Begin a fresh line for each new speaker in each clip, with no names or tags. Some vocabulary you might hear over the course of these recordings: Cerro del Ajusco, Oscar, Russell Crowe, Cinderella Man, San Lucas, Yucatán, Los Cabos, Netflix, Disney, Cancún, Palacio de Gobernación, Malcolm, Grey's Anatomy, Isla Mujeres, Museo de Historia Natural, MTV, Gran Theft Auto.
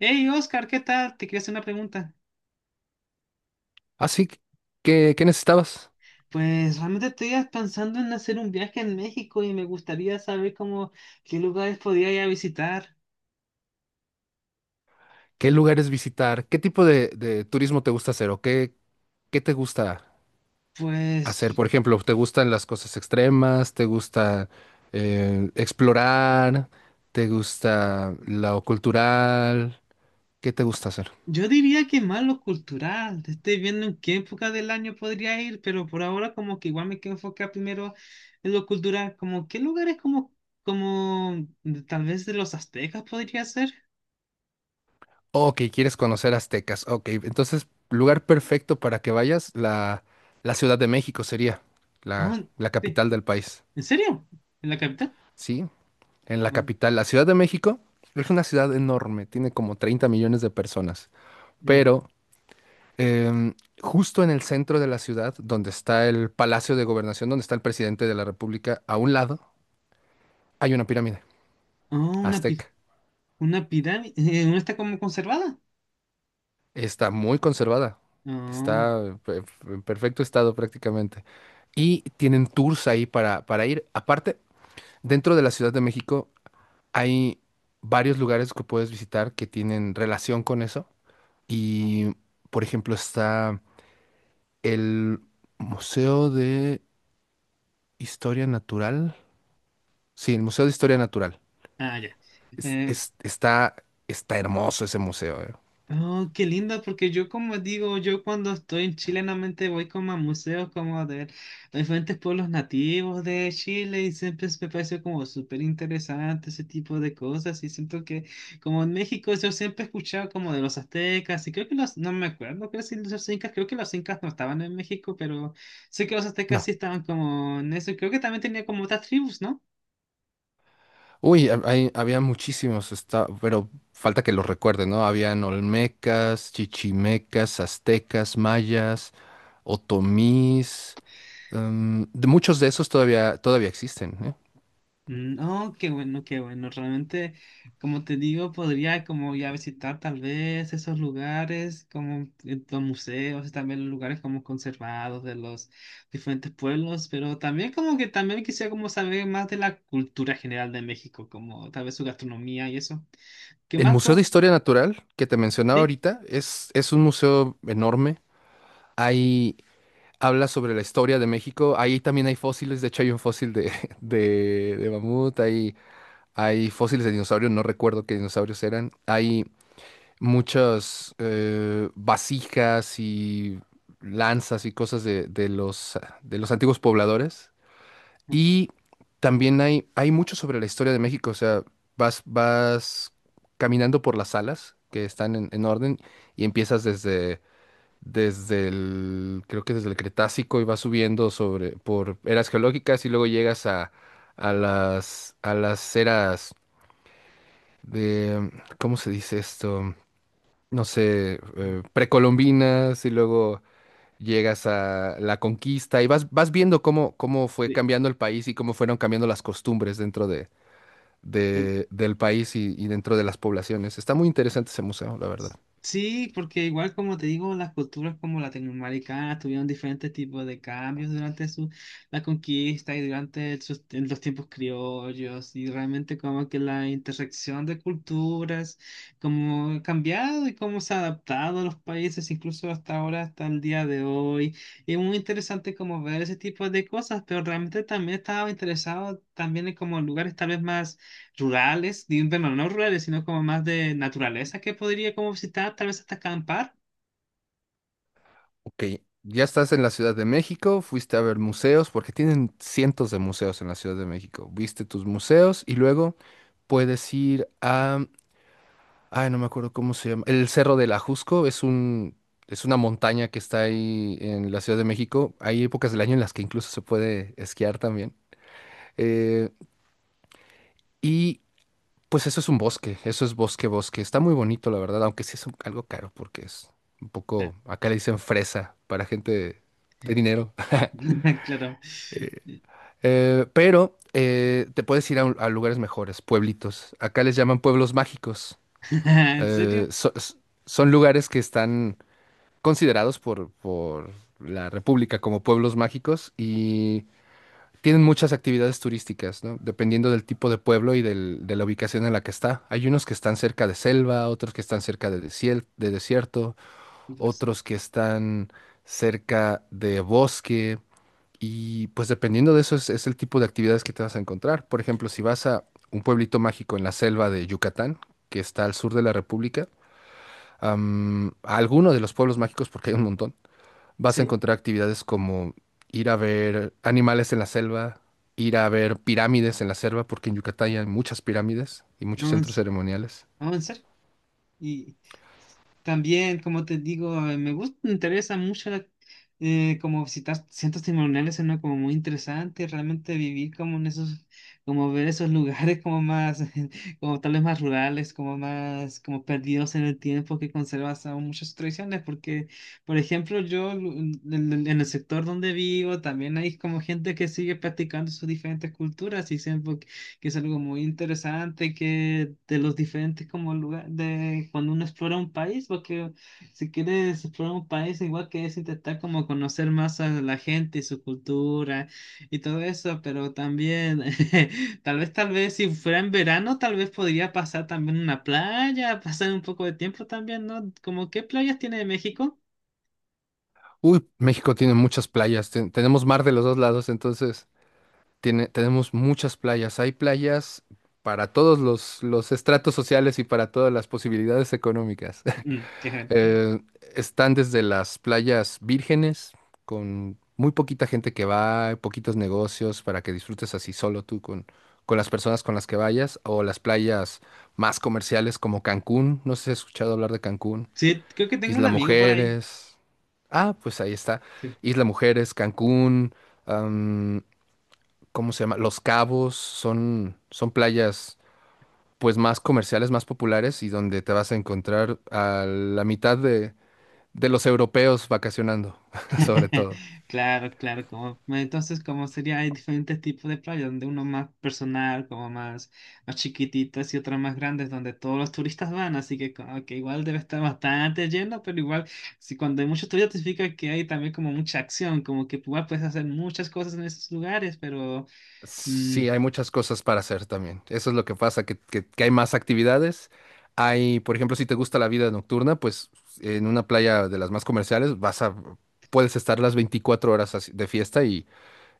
Hey Oscar, ¿qué tal? Te quería hacer una pregunta.
Así que, ¿qué necesitabas?
Pues realmente estoy pensando en hacer un viaje en México y me gustaría saber cómo, qué lugares podría ir a visitar.
¿Qué lugares visitar? ¿Qué tipo de turismo te gusta hacer? ¿O qué, qué te gusta
Pues
hacer? Por ejemplo, ¿te gustan las cosas extremas? ¿Te gusta explorar? ¿Te gusta lo cultural? ¿Qué te gusta hacer?
yo diría que más lo cultural. Estoy viendo en qué época del año podría ir, pero por ahora como que igual me quiero enfocar primero en lo cultural. Como qué lugares como, como tal vez de los aztecas podría ser.
Ok, quieres conocer aztecas. Ok, entonces, lugar perfecto para que vayas, la Ciudad de México sería
Oh,
la
sí.
capital del país.
¿En serio? ¿En la capital?
¿Sí? En la
Oh,
capital, la Ciudad de México, es una ciudad enorme, tiene como 30 millones de personas,
mm.
pero em, justo en el centro de la ciudad, donde está el Palacio de Gobernación, donde está el presidente de la República, a un lado hay una pirámide
Oh, una
azteca.
¿Una pirámide? ¿No está como conservada?
Está muy conservada,
No.
está pe- en perfecto estado prácticamente. Y tienen tours ahí para ir. Aparte, dentro de la Ciudad de México hay varios lugares que puedes visitar que tienen relación con eso. Y, por ejemplo, está el Museo de Historia Natural. Sí, el Museo de Historia Natural.
Ah, ya. Eh,
Está, está hermoso ese museo, eh.
oh, qué lindo, porque yo como digo, yo cuando estoy en Chile normalmente voy como a museos como de diferentes pueblos nativos de Chile y siempre me pareció como súper interesante ese tipo de cosas y siento que como en México yo siempre he escuchado como de los aztecas y creo que los, no me acuerdo, creo que sí, los incas, creo que los incas no estaban en México, pero sé que los aztecas
No.
sí estaban como en eso y creo que también tenía como otras tribus, ¿no?
Uy, había muchísimos, está, pero falta que los recuerde, ¿no? Habían olmecas, chichimecas, aztecas, mayas, otomís. De muchos de esos todavía existen, ¿eh?
Mm. Oh, qué bueno, qué bueno. Realmente, como te digo, podría como ya visitar tal vez esos lugares, como los museos, y también los lugares como conservados de los diferentes pueblos, pero también como que también quisiera como saber más de la cultura general de México, como tal vez su gastronomía y eso. ¿Qué
El
más
Museo de
puedo?
Historia Natural que te mencionaba
Sí.
ahorita es un museo enorme. Hay Habla sobre la historia de México. Ahí también hay fósiles, de hecho hay un fósil de, de mamut, hay fósiles de dinosaurios, no recuerdo qué dinosaurios eran. Hay muchas vasijas y lanzas y cosas de de los antiguos pobladores.
Mm.
Y también hay mucho sobre la historia de México, o sea, vas caminando por las salas que están en orden y empiezas desde el, creo que desde el Cretácico y vas subiendo sobre, por eras geológicas y luego llegas a a las eras de, ¿cómo se dice esto? No sé, precolombinas y luego llegas a la conquista y vas viendo cómo, cómo fue
Sí.
cambiando el país y cómo fueron cambiando las costumbres dentro de,
Sí.
del país y dentro de las poblaciones. Está muy interesante ese museo, la verdad.
Sí, porque igual como te digo, las culturas como latinoamericanas tuvieron diferentes tipos de cambios durante su, la conquista y durante sus- en los tiempos criollos y realmente como que la intersección de culturas como ha cambiado y cómo se ha adaptado a los países incluso hasta ahora, hasta el día de hoy. Y es muy interesante como ver ese tipo de cosas, pero realmente también estaba interesado también en como lugares tal vez más rurales, ni- bueno, no rurales, sino como más de naturaleza que podría como visitar, tal vez hasta acampar.
Ok, ya estás en la Ciudad de México, fuiste a ver museos, porque tienen cientos de museos en la Ciudad de México. Viste tus museos y luego puedes ir a, ay, no me acuerdo cómo se llama, el Cerro del Ajusco, es una montaña que está ahí en la Ciudad de México. Hay épocas del año en las que incluso se puede esquiar también. Eh, y pues eso es un bosque, eso es bosque. Está muy bonito, la verdad, aunque sí algo caro porque es un poco, acá le dicen fresa para gente de dinero.
Claro.
Pero te puedes ir a lugares mejores, pueblitos. Acá les llaman pueblos mágicos.
¿En
Eh,
serio?
so- s- Son lugares que están considerados por la República como pueblos mágicos y tienen muchas actividades turísticas, ¿no? Dependiendo del tipo de pueblo y de la ubicación en la que está. Hay unos que están cerca de selva, otros que están cerca de, de desierto,
Pues
otros que están cerca de bosque. Y pues dependiendo de eso es el tipo de actividades que te vas a encontrar. Por ejemplo, si vas a un pueblito mágico en la selva de Yucatán, que está al sur de la República, a alguno de los pueblos mágicos, porque hay un montón, vas a
sí.
encontrar actividades como ir a ver animales en la selva, ir a ver pirámides en la selva, porque en Yucatán hay muchas pirámides y muchos
No, en,
centros
s-
ceremoniales.
no, en serio. Y también, como te digo, me gusta, me interesa mucho la- como visitar centros ceremoniales, suena como muy interesante, realmente vivir como en esos, como ver esos lugares como más, como tal vez más rurales, como más, como perdidos en el tiempo que conservas aún muchas tradiciones, porque, por ejemplo, yo lu- en el que es algo muy interesante, que de los diferentes como lugares, de cuando uno explora un país, porque si quieres explorar un país, igual que es intentar como conocer más a la gente y su cultura y todo eso, pero también, tal vez si fuera en verano, tal vez podría pasar también una playa, pasar un poco de tiempo también, ¿no? Como, ¿qué playas tiene México?
Uy, México tiene muchas playas, tenemos mar de los dos lados, entonces tiene, tenemos muchas playas. Hay playas para todos los estratos sociales y para todas las posibilidades económicas.
Mm, qué-
Eh, Están desde las playas vírgenes, con muy poquita gente que va, poquitos negocios para que disfrutes así solo tú con las personas con las que vayas, o las playas más comerciales como Cancún. No sé si has escuchado hablar de Cancún.
Sí, creo que tengo un
Isla
amigo por ahí.
Mujeres. Ah, pues ahí está. Isla Mujeres, Cancún. ¿Cómo se llama? Los Cabos son playas pues más comerciales, más populares y donde te vas a encontrar a la mitad de los europeos vacacionando, sobre todo.
Claro, claro, como entonces como sería, hay diferentes tipos de playas, donde uno más personal, como más, más chiquititas y otras más grandes, donde todos los turistas van, así que como que igual debe estar bastante lleno, pero igual, si cuando hay muchos turistas significa que hay también como mucha acción, como que igual puedes hacer muchas cosas en esos lugares, pero mm.
Sí, hay muchas cosas para hacer también. Eso es lo que pasa, que hay más actividades. Hay, por ejemplo, si te gusta la vida nocturna, pues en una playa de las más comerciales puedes estar las 24 horas así de fiesta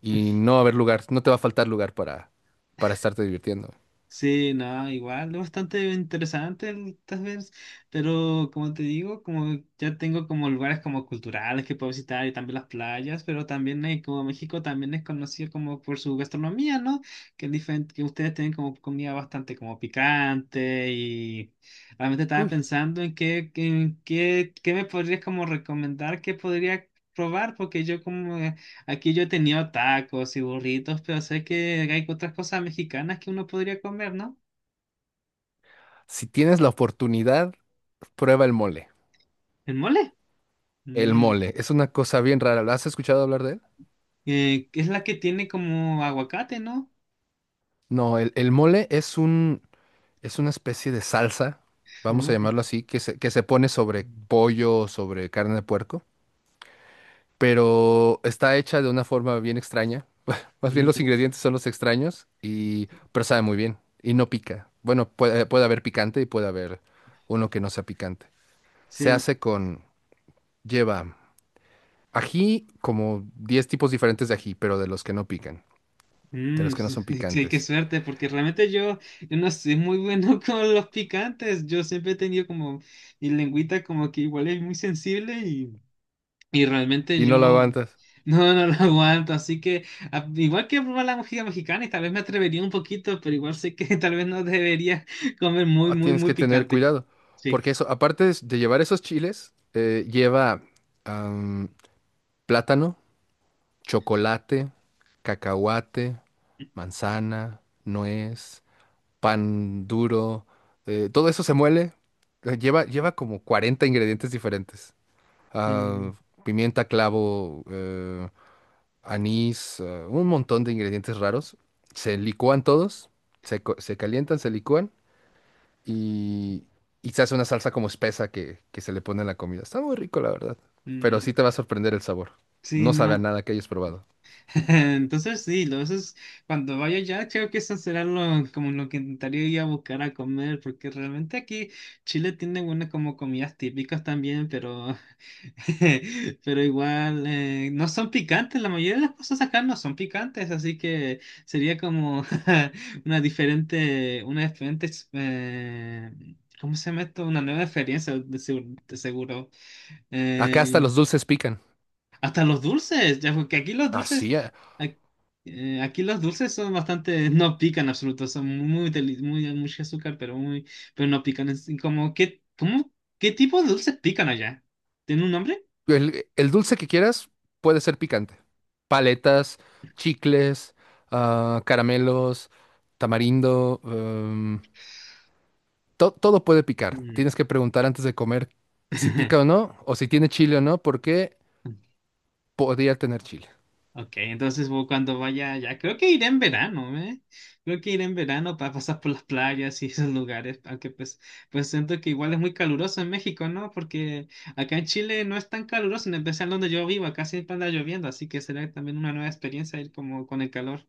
y no va a haber lugar, no te va a faltar lugar para estarte divirtiendo.
Sí, no, igual, es bastante interesante el Tazverse, pero como te digo, como ya tengo como lugares como culturales que puedo visitar y también las playas, pero también como México también es conocido como por su gastronomía, ¿no? Que, es diferente, que ustedes tienen como comida bastante como picante y realmente estaba
Uy.
pensando en qué, qué me podrías como recomendar que podría probar, porque yo como aquí yo he tenido tacos y burritos, pero sé que hay otras cosas mexicanas que uno podría comer, ¿no?
Si tienes la oportunidad, prueba el mole.
¿El mole?
El
Mm,
mole es una cosa bien rara. ¿Has escuchado hablar de él?
que es la que tiene como aguacate, ¿no?
No, el mole es una especie de salsa, vamos a
Oh,
llamarlo así, que se pone sobre pollo, sobre carne de puerco, pero está hecha de una forma bien extraña. Más bien los
mm.
ingredientes son los extraños, y, pero sabe muy bien y no pica. Bueno, puede haber picante y puede haber uno que no sea picante. Se
Sí,
hace con, lleva ají, como 10 tipos diferentes de ají, pero de los que no pican, de
mm.
los que no son
Sí, qué
picantes.
suerte, porque realmente yo, yo no soy muy bueno con los picantes. Yo siempre he tenido como mi lengüita como que igual es muy sensible. Y realmente
Y no lo
yo
aguantas.
no, no lo aguanto, así que a- igual que probar la música mexicana y tal vez me atrevería un poquito, pero igual sé que tal vez no debería comer muy,
Ah,
muy,
tienes
muy
que tener
picante.
cuidado.
Sí.
Porque eso, aparte de llevar esos chiles, lleva am, plátano, chocolate, cacahuate, manzana, nuez, pan duro. Todo eso se muele. Lleva como 40 ingredientes diferentes. ah,
Mm,
Pimienta, clavo, anís, un montón de ingredientes raros. Se licúan todos, se calientan, se licúan y, y se hace una salsa como espesa que se le pone a la comida. Está muy rico, la verdad.
mm,
Pero sí te va a sorprender el sabor.
sí,
No sabe a
no.
nada que hayas probado.
Entonces sí, lo- eso es- cuando vaya allá creo que eso será lo, como lo que intentaría ir a buscar a comer, porque realmente aquí Chile tiene buenas como comidas típicas también, pero, pero igual no son picantes, la mayoría de las cosas acá no son picantes, así que sería como una diferente, ex- ¿cómo se llama esto? Una nueva experiencia de seguro. De seguro.
Acá hasta
Eh,
los dulces pican.
hasta los dulces, ya, porque aquí los dulces,
Así, ah,
ac- aquí, los dulces son bastante, no pican en absoluto, son muy, deli- muy, mucho azúcar, pero muy, pero no pican. Es como, ¿qué, cómo, qué tipo de dulces pican allá? ¿Tiene un nombre?
el dulce que quieras puede ser picante. Paletas, chicles, ah, caramelos, tamarindo, todo puede picar.
Mm.
Tienes que preguntar antes de comer si pica o no, o si tiene chile o no, porque podría tener chile.
Ok, entonces bueno, cuando vaya allá, creo que iré en verano, ¿eh? Creo que iré en verano para pasar por las playas y esos lugares, aunque pues, pues siento que igual es muy caluroso en México, ¿no? Porque acá en Chile no es tan caluroso, en especial donde yo vivo, acá siempre anda lloviendo, así que será también una nueva experiencia ir como con el calor.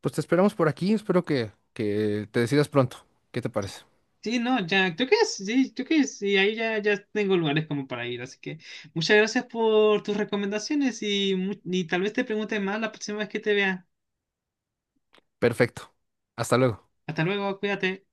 Pues te esperamos por aquí, espero que te decidas pronto. ¿Qué te parece?
Sí, no, ya, creo que sí, ahí ya, ya tengo lugares como para ir, así que muchas gracias por tus recomendaciones y, mu- y tal vez te pregunte más la próxima vez que te vea.
Perfecto. Hasta luego.
Hasta luego, cuídate.